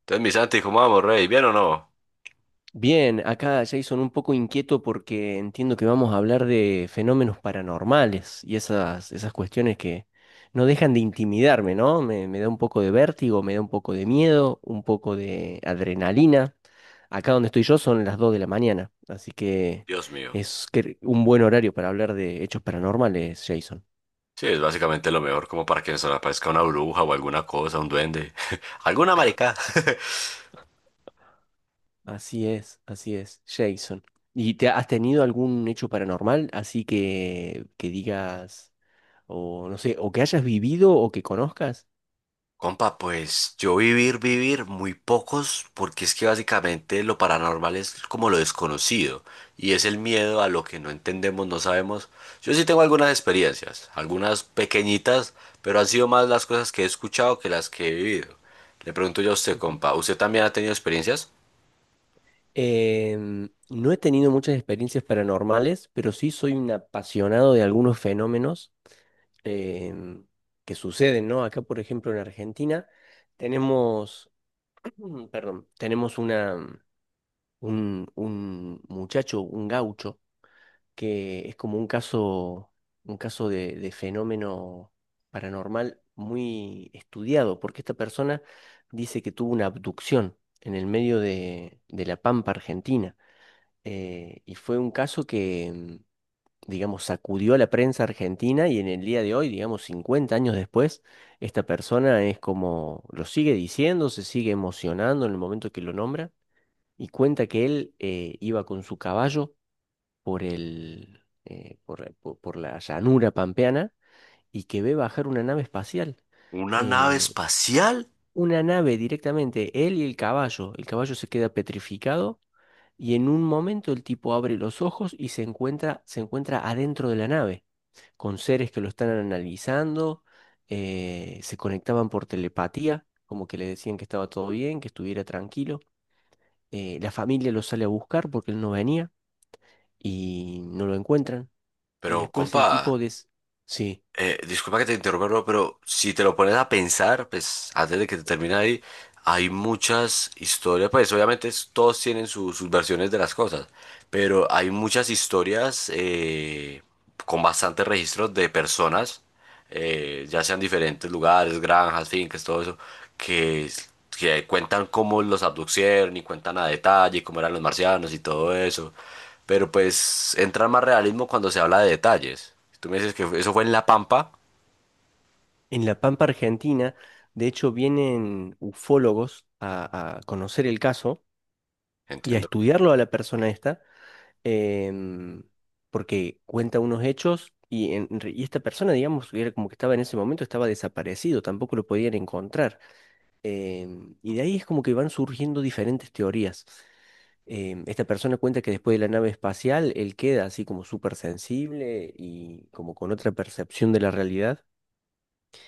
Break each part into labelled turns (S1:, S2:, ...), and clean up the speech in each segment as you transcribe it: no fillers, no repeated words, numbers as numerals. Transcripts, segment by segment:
S1: Entonces mi Santi dijo, vamos, rey, ¿bien o no?
S2: Bien, acá Jason un poco inquieto porque entiendo que vamos a hablar de fenómenos paranormales y esas cuestiones que no dejan de intimidarme, ¿no? Me da un poco de vértigo, me da un poco de miedo, un poco de adrenalina. Acá donde estoy yo son las 2 de la mañana, así que
S1: Dios mío.
S2: un buen horario para hablar de hechos paranormales, Jason.
S1: Sí, es básicamente lo mejor como para que nos aparezca una bruja o alguna cosa, un duende, alguna marica
S2: Así es, Jason. ¿Y te has tenido algún hecho paranormal así que digas... o no sé, o que hayas vivido o que conozcas.
S1: Compa, pues yo vivir muy pocos, porque es que básicamente lo paranormal es como lo desconocido y es el miedo a lo que no entendemos, no sabemos. Yo sí tengo algunas experiencias, algunas pequeñitas, pero han sido más las cosas que he escuchado que las que he vivido. Le pregunto yo a usted,
S2: Ujú.
S1: compa, ¿usted también ha tenido experiencias?
S2: No he tenido muchas experiencias paranormales, pero sí soy un apasionado de algunos fenómenos em, que suceden, ¿no? Acá, por ejemplo, en Argentina tenemos, perdón, tenemos una, un muchacho, un gaucho, que es como un caso de fenómeno paranormal muy estudiado, porque esta persona dice que tuvo una abducción en el medio de la Pampa Argentina, y fue un caso que, digamos, sacudió a la prensa argentina y en el día de hoy, digamos, 50 años después, esta persona es como, lo sigue diciendo, se sigue emocionando en el momento que lo nombra. Y cuenta que él iba con su caballo por el, por la llanura pampeana y que ve bajar una nave espacial.
S1: ¿Una nave
S2: Eh,
S1: espacial?
S2: una nave directamente, él y el caballo. El caballo se queda petrificado y en un momento el tipo abre los ojos y se encuentra adentro de la nave, con seres que lo están analizando, se conectaban por telepatía, como que le decían que estaba todo bien, que estuviera tranquilo. La familia lo sale a buscar porque él no venía y no lo encuentran. Y
S1: Pero,
S2: después el
S1: compa,
S2: tipo de... Sí,
S1: disculpa que te interrumpa, bro, pero si te lo pones a pensar, pues antes de que te termine ahí, hay muchas historias, pues obviamente todos tienen sus versiones de las cosas, pero hay muchas historias con bastantes registros de personas, ya sean diferentes lugares, granjas, fincas, todo eso, que, que cuentan cómo los abducieron y cuentan a detalle cómo eran los marcianos y todo eso. Pero pues entra más realismo cuando se habla de detalles. Si tú me dices que eso fue en La Pampa,
S2: en la Pampa Argentina, de hecho, vienen ufólogos a conocer el caso y a
S1: entiendo.
S2: estudiarlo a la persona esta, em, porque cuenta unos hechos y, y esta persona, digamos, era como que estaba en ese momento, estaba desaparecido, tampoco lo podían encontrar. Y de ahí es como que van surgiendo diferentes teorías. Esta persona cuenta que después de la nave espacial, él queda así como súper sensible y como con otra percepción de la realidad.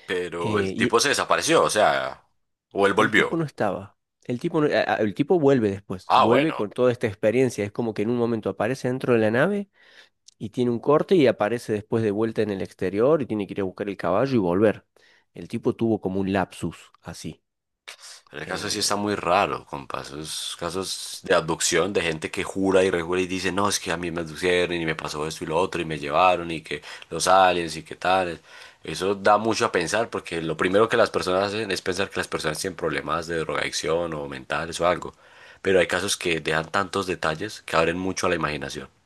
S1: Pero el tipo
S2: Y
S1: se desapareció, o sea, o él
S2: el tipo
S1: volvió.
S2: no estaba. El tipo, no- a- El tipo vuelve después,
S1: Ah,
S2: vuelve
S1: bueno.
S2: con toda esta experiencia. Es como que en un momento aparece dentro de la nave y tiene un corte y aparece después de vuelta en el exterior y tiene que ir a buscar el caballo y volver. El tipo tuvo como un lapsus así.
S1: Ese caso sí está
S2: Eh,
S1: muy raro, compa. Esos casos de abducción de gente que jura y rejura y dice, no, es que a mí me abducieron y me pasó esto y lo otro y me llevaron y que los aliens y que tal. Eso da mucho a pensar porque lo primero que las personas hacen es pensar que las personas tienen problemas de drogadicción o mentales o algo. Pero hay casos que dejan tantos detalles que abren mucho a la imaginación. Claro.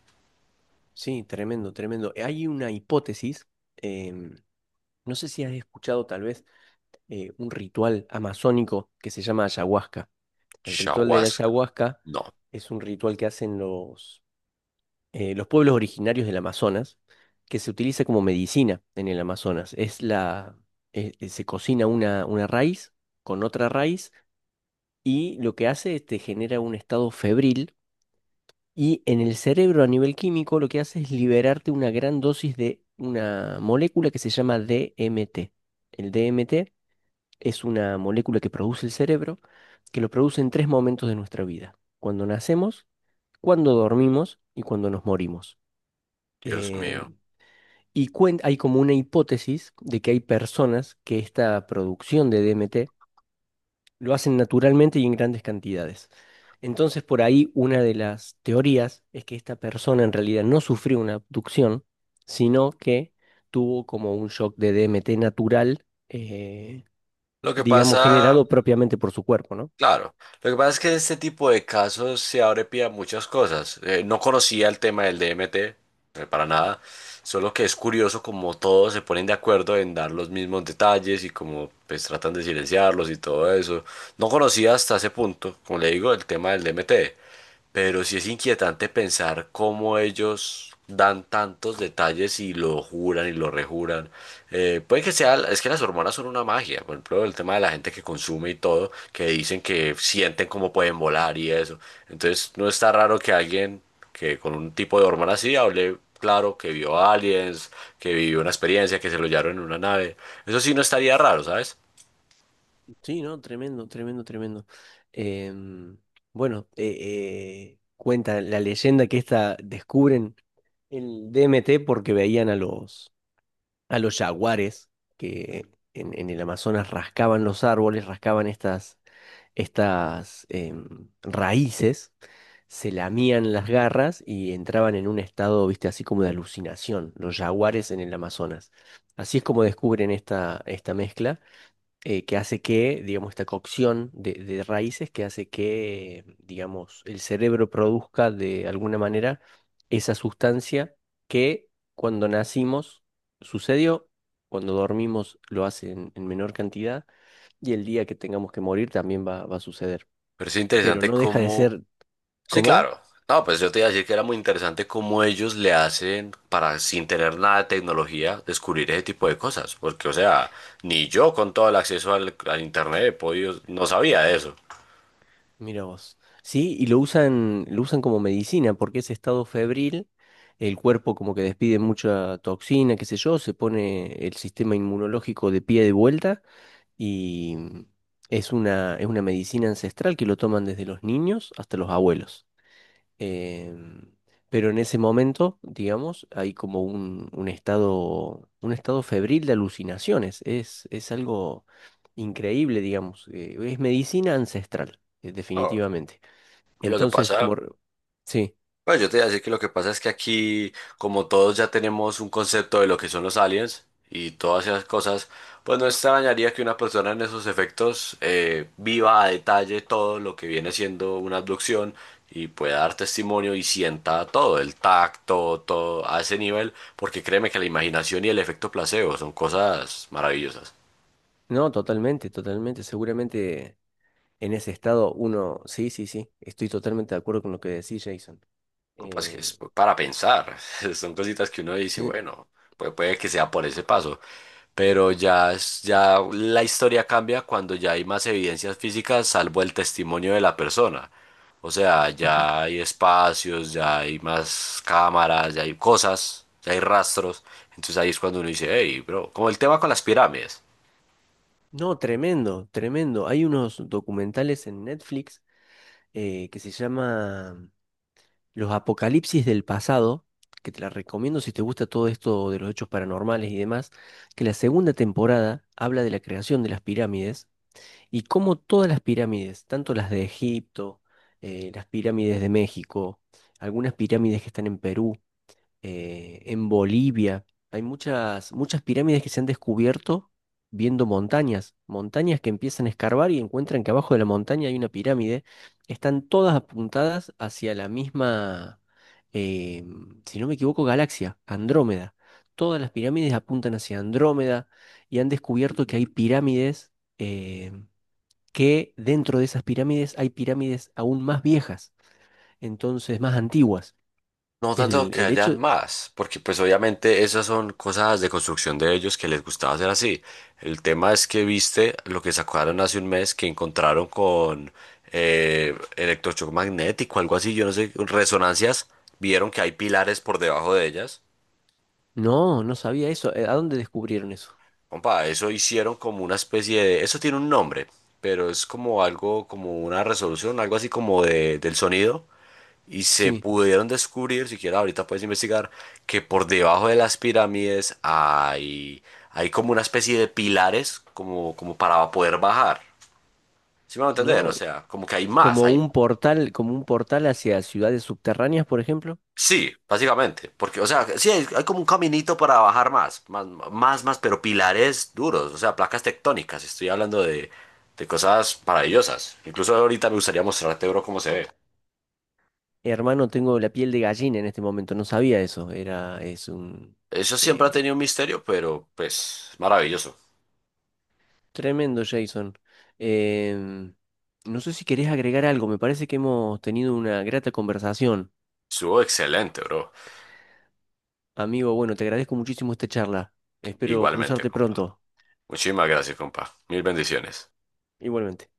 S2: sí, tremendo, tremendo. Hay una hipótesis, em, no sé si has escuchado tal vez un ritual amazónico que se llama ayahuasca. El ritual de la ayahuasca
S1: No,
S2: es un ritual que hacen los pueblos originarios del Amazonas, que se utiliza como medicina en el Amazonas. Es la, se cocina una raíz con otra raíz y lo que hace es te genera un estado febril y en el cerebro a nivel químico lo que hace es liberarte una gran dosis de una molécula que se llama DMT. El DMT es una molécula que produce el cerebro, que lo produce en 3 momentos de nuestra vida. Cuando nacemos, cuando dormimos y cuando nos morimos.
S1: Dios mío.
S2: Em, Y hay como una hipótesis de que hay personas que esta producción de DMT lo hacen naturalmente y en grandes cantidades. Entonces, por ahí una de las teorías es que esta persona en realidad no sufrió una abducción, sino que tuvo como un shock de DMT natural,
S1: Lo que
S2: digamos,
S1: pasa.
S2: generado propiamente por su cuerpo, ¿no?
S1: Claro, lo que pasa es que en este tipo de casos se abre pie a muchas cosas. No conocía el tema del DMT, para nada. Solo que es curioso como todos se ponen de acuerdo en dar los mismos detalles y como pues tratan de silenciarlos y todo eso. No conocía hasta ese punto, como le digo, el tema del DMT, pero sí es inquietante pensar cómo ellos dan tantos detalles y lo juran y lo rejuran. Puede que sea, es que las hormonas son una magia, por ejemplo, el tema de la gente que consume y todo, que dicen que sienten cómo pueden volar y eso. Entonces no está raro que alguien que con un tipo de hormona así hablé claro que vio aliens, que vivió una experiencia, que se lo llevaron en una nave. Eso sí no estaría raro, ¿sabes?
S2: Sí, no, tremendo, tremendo, tremendo. Em, bueno, cuenta la leyenda que esta descubren el DMT porque veían a a los jaguares que en el Amazonas rascaban los árboles, rascaban estas, estas raíces, se lamían las garras y entraban en un estado, viste, así como de alucinación, los jaguares en el Amazonas. Así es como descubren esta mezcla que hace que, digamos, esta cocción de raíces que hace que, digamos, el cerebro produzca de alguna manera esa sustancia que cuando nacimos sucedió, cuando dormimos lo hace en menor cantidad y el día que tengamos que morir también va a suceder.
S1: Pero es
S2: Pero
S1: interesante
S2: no deja de
S1: cómo...
S2: ser,
S1: Sí,
S2: ¿cómo?
S1: claro. No, pues yo te iba a decir que era muy interesante cómo ellos le hacen para, sin tener nada de tecnología, descubrir ese tipo de cosas. Porque, o sea, ni yo con todo el acceso al internet he podido, no sabía de eso.
S2: Mira vos. Sí, y lo usan como medicina, porque ese estado febril, el cuerpo como que despide mucha toxina, qué sé yo, se pone el sistema inmunológico de pie de vuelta y es una medicina ancestral que lo toman desde los niños hasta los abuelos. Em, pero en ese momento, digamos, hay como un estado febril de alucinaciones. Es algo increíble, digamos. Es medicina ancestral,
S1: No,
S2: definitivamente.
S1: y lo que
S2: Entonces, como...
S1: pasa,
S2: re- Sí,
S1: bueno, yo te iba a decir que lo que pasa es que aquí, como todos ya tenemos un concepto de lo que son los aliens y todas esas cosas, pues no extrañaría que una persona en esos efectos viva a detalle todo lo que viene siendo una abducción y pueda dar testimonio y sienta todo, el tacto, todo a ese nivel, porque créeme que la imaginación y el efecto placebo son cosas maravillosas.
S2: no, totalmente, totalmente. Seguramente en ese estado uno... Sí, sí, sí. Estoy totalmente de acuerdo con lo que decís, Jason.
S1: Copas que
S2: Eh,
S1: es para pensar, son cositas que uno dice,
S2: sí.
S1: bueno, pues puede que sea por ese paso. Pero ya, ya la historia cambia cuando ya hay más evidencias físicas salvo el testimonio de la persona. O sea,
S2: Ujú.
S1: ya hay espacios, ya hay más cámaras, ya hay cosas, ya hay rastros. Entonces ahí es cuando uno dice, hey, bro, como el tema con las pirámides.
S2: No, tremendo, tremendo. Hay unos documentales en Netflix que se llama Los Apocalipsis del Pasado, que te la recomiendo si te gusta todo esto de los hechos paranormales y demás, que la segunda temporada habla de la creación de las pirámides y cómo todas las pirámides, tanto las de Egipto, las pirámides de México, algunas pirámides que están en Perú, en Bolivia, hay muchas, muchas pirámides que se han descubierto viendo montañas, montañas que empiezan a escarbar y encuentran que abajo de la montaña hay una pirámide, están todas apuntadas hacia la misma, eh, si no me equivoco, galaxia, Andrómeda. Todas las pirámides apuntan hacia Andrómeda y han descubierto que hay pirámides. em, que dentro de esas pirámides hay pirámides aún más viejas, entonces más antiguas.
S1: No tanto
S2: El,
S1: que
S2: el hecho,
S1: hayan más, porque pues obviamente esas son cosas de construcción de ellos que les gustaba hacer así. El tema es que viste lo que sacaron hace un mes que encontraron con electrochoc magnético, algo así, yo no sé, resonancias, vieron que hay pilares por debajo de ellas.
S2: no, no sabía eso. ¿A dónde descubrieron eso?
S1: Compa, eso hicieron como una especie de, eso tiene un nombre, pero es como algo, como una resolución, algo así como de, del sonido. Y se
S2: Sí,
S1: pudieron descubrir, siquiera ahorita puedes investigar, que por debajo de las pirámides hay, hay como una especie de pilares como, como para poder bajar. ¿Sí me van a entender? O
S2: no,
S1: sea, como que hay más, hay...
S2: como un portal hacia ciudades subterráneas, por ejemplo.
S1: Sí, básicamente. Porque, o sea, sí, hay como un caminito para bajar más, más, más, más, pero pilares duros, o sea, placas tectónicas. Estoy hablando de cosas maravillosas. Incluso ahorita me gustaría mostrarte, bro, cómo se ve.
S2: Hermano, tengo la piel de gallina en este momento, no sabía eso. Era, es un
S1: Eso siempre ha
S2: eh,
S1: tenido un misterio, pero pues maravilloso.
S2: tremendo, Jason. Em, no sé si querés agregar algo, me parece que hemos tenido una grata conversación.
S1: Estuvo excelente, bro.
S2: Amigo, bueno, te agradezco muchísimo esta charla. Espero
S1: Igualmente,
S2: cruzarte
S1: compa.
S2: pronto.
S1: Muchísimas gracias, compa. Mil bendiciones.
S2: Igualmente.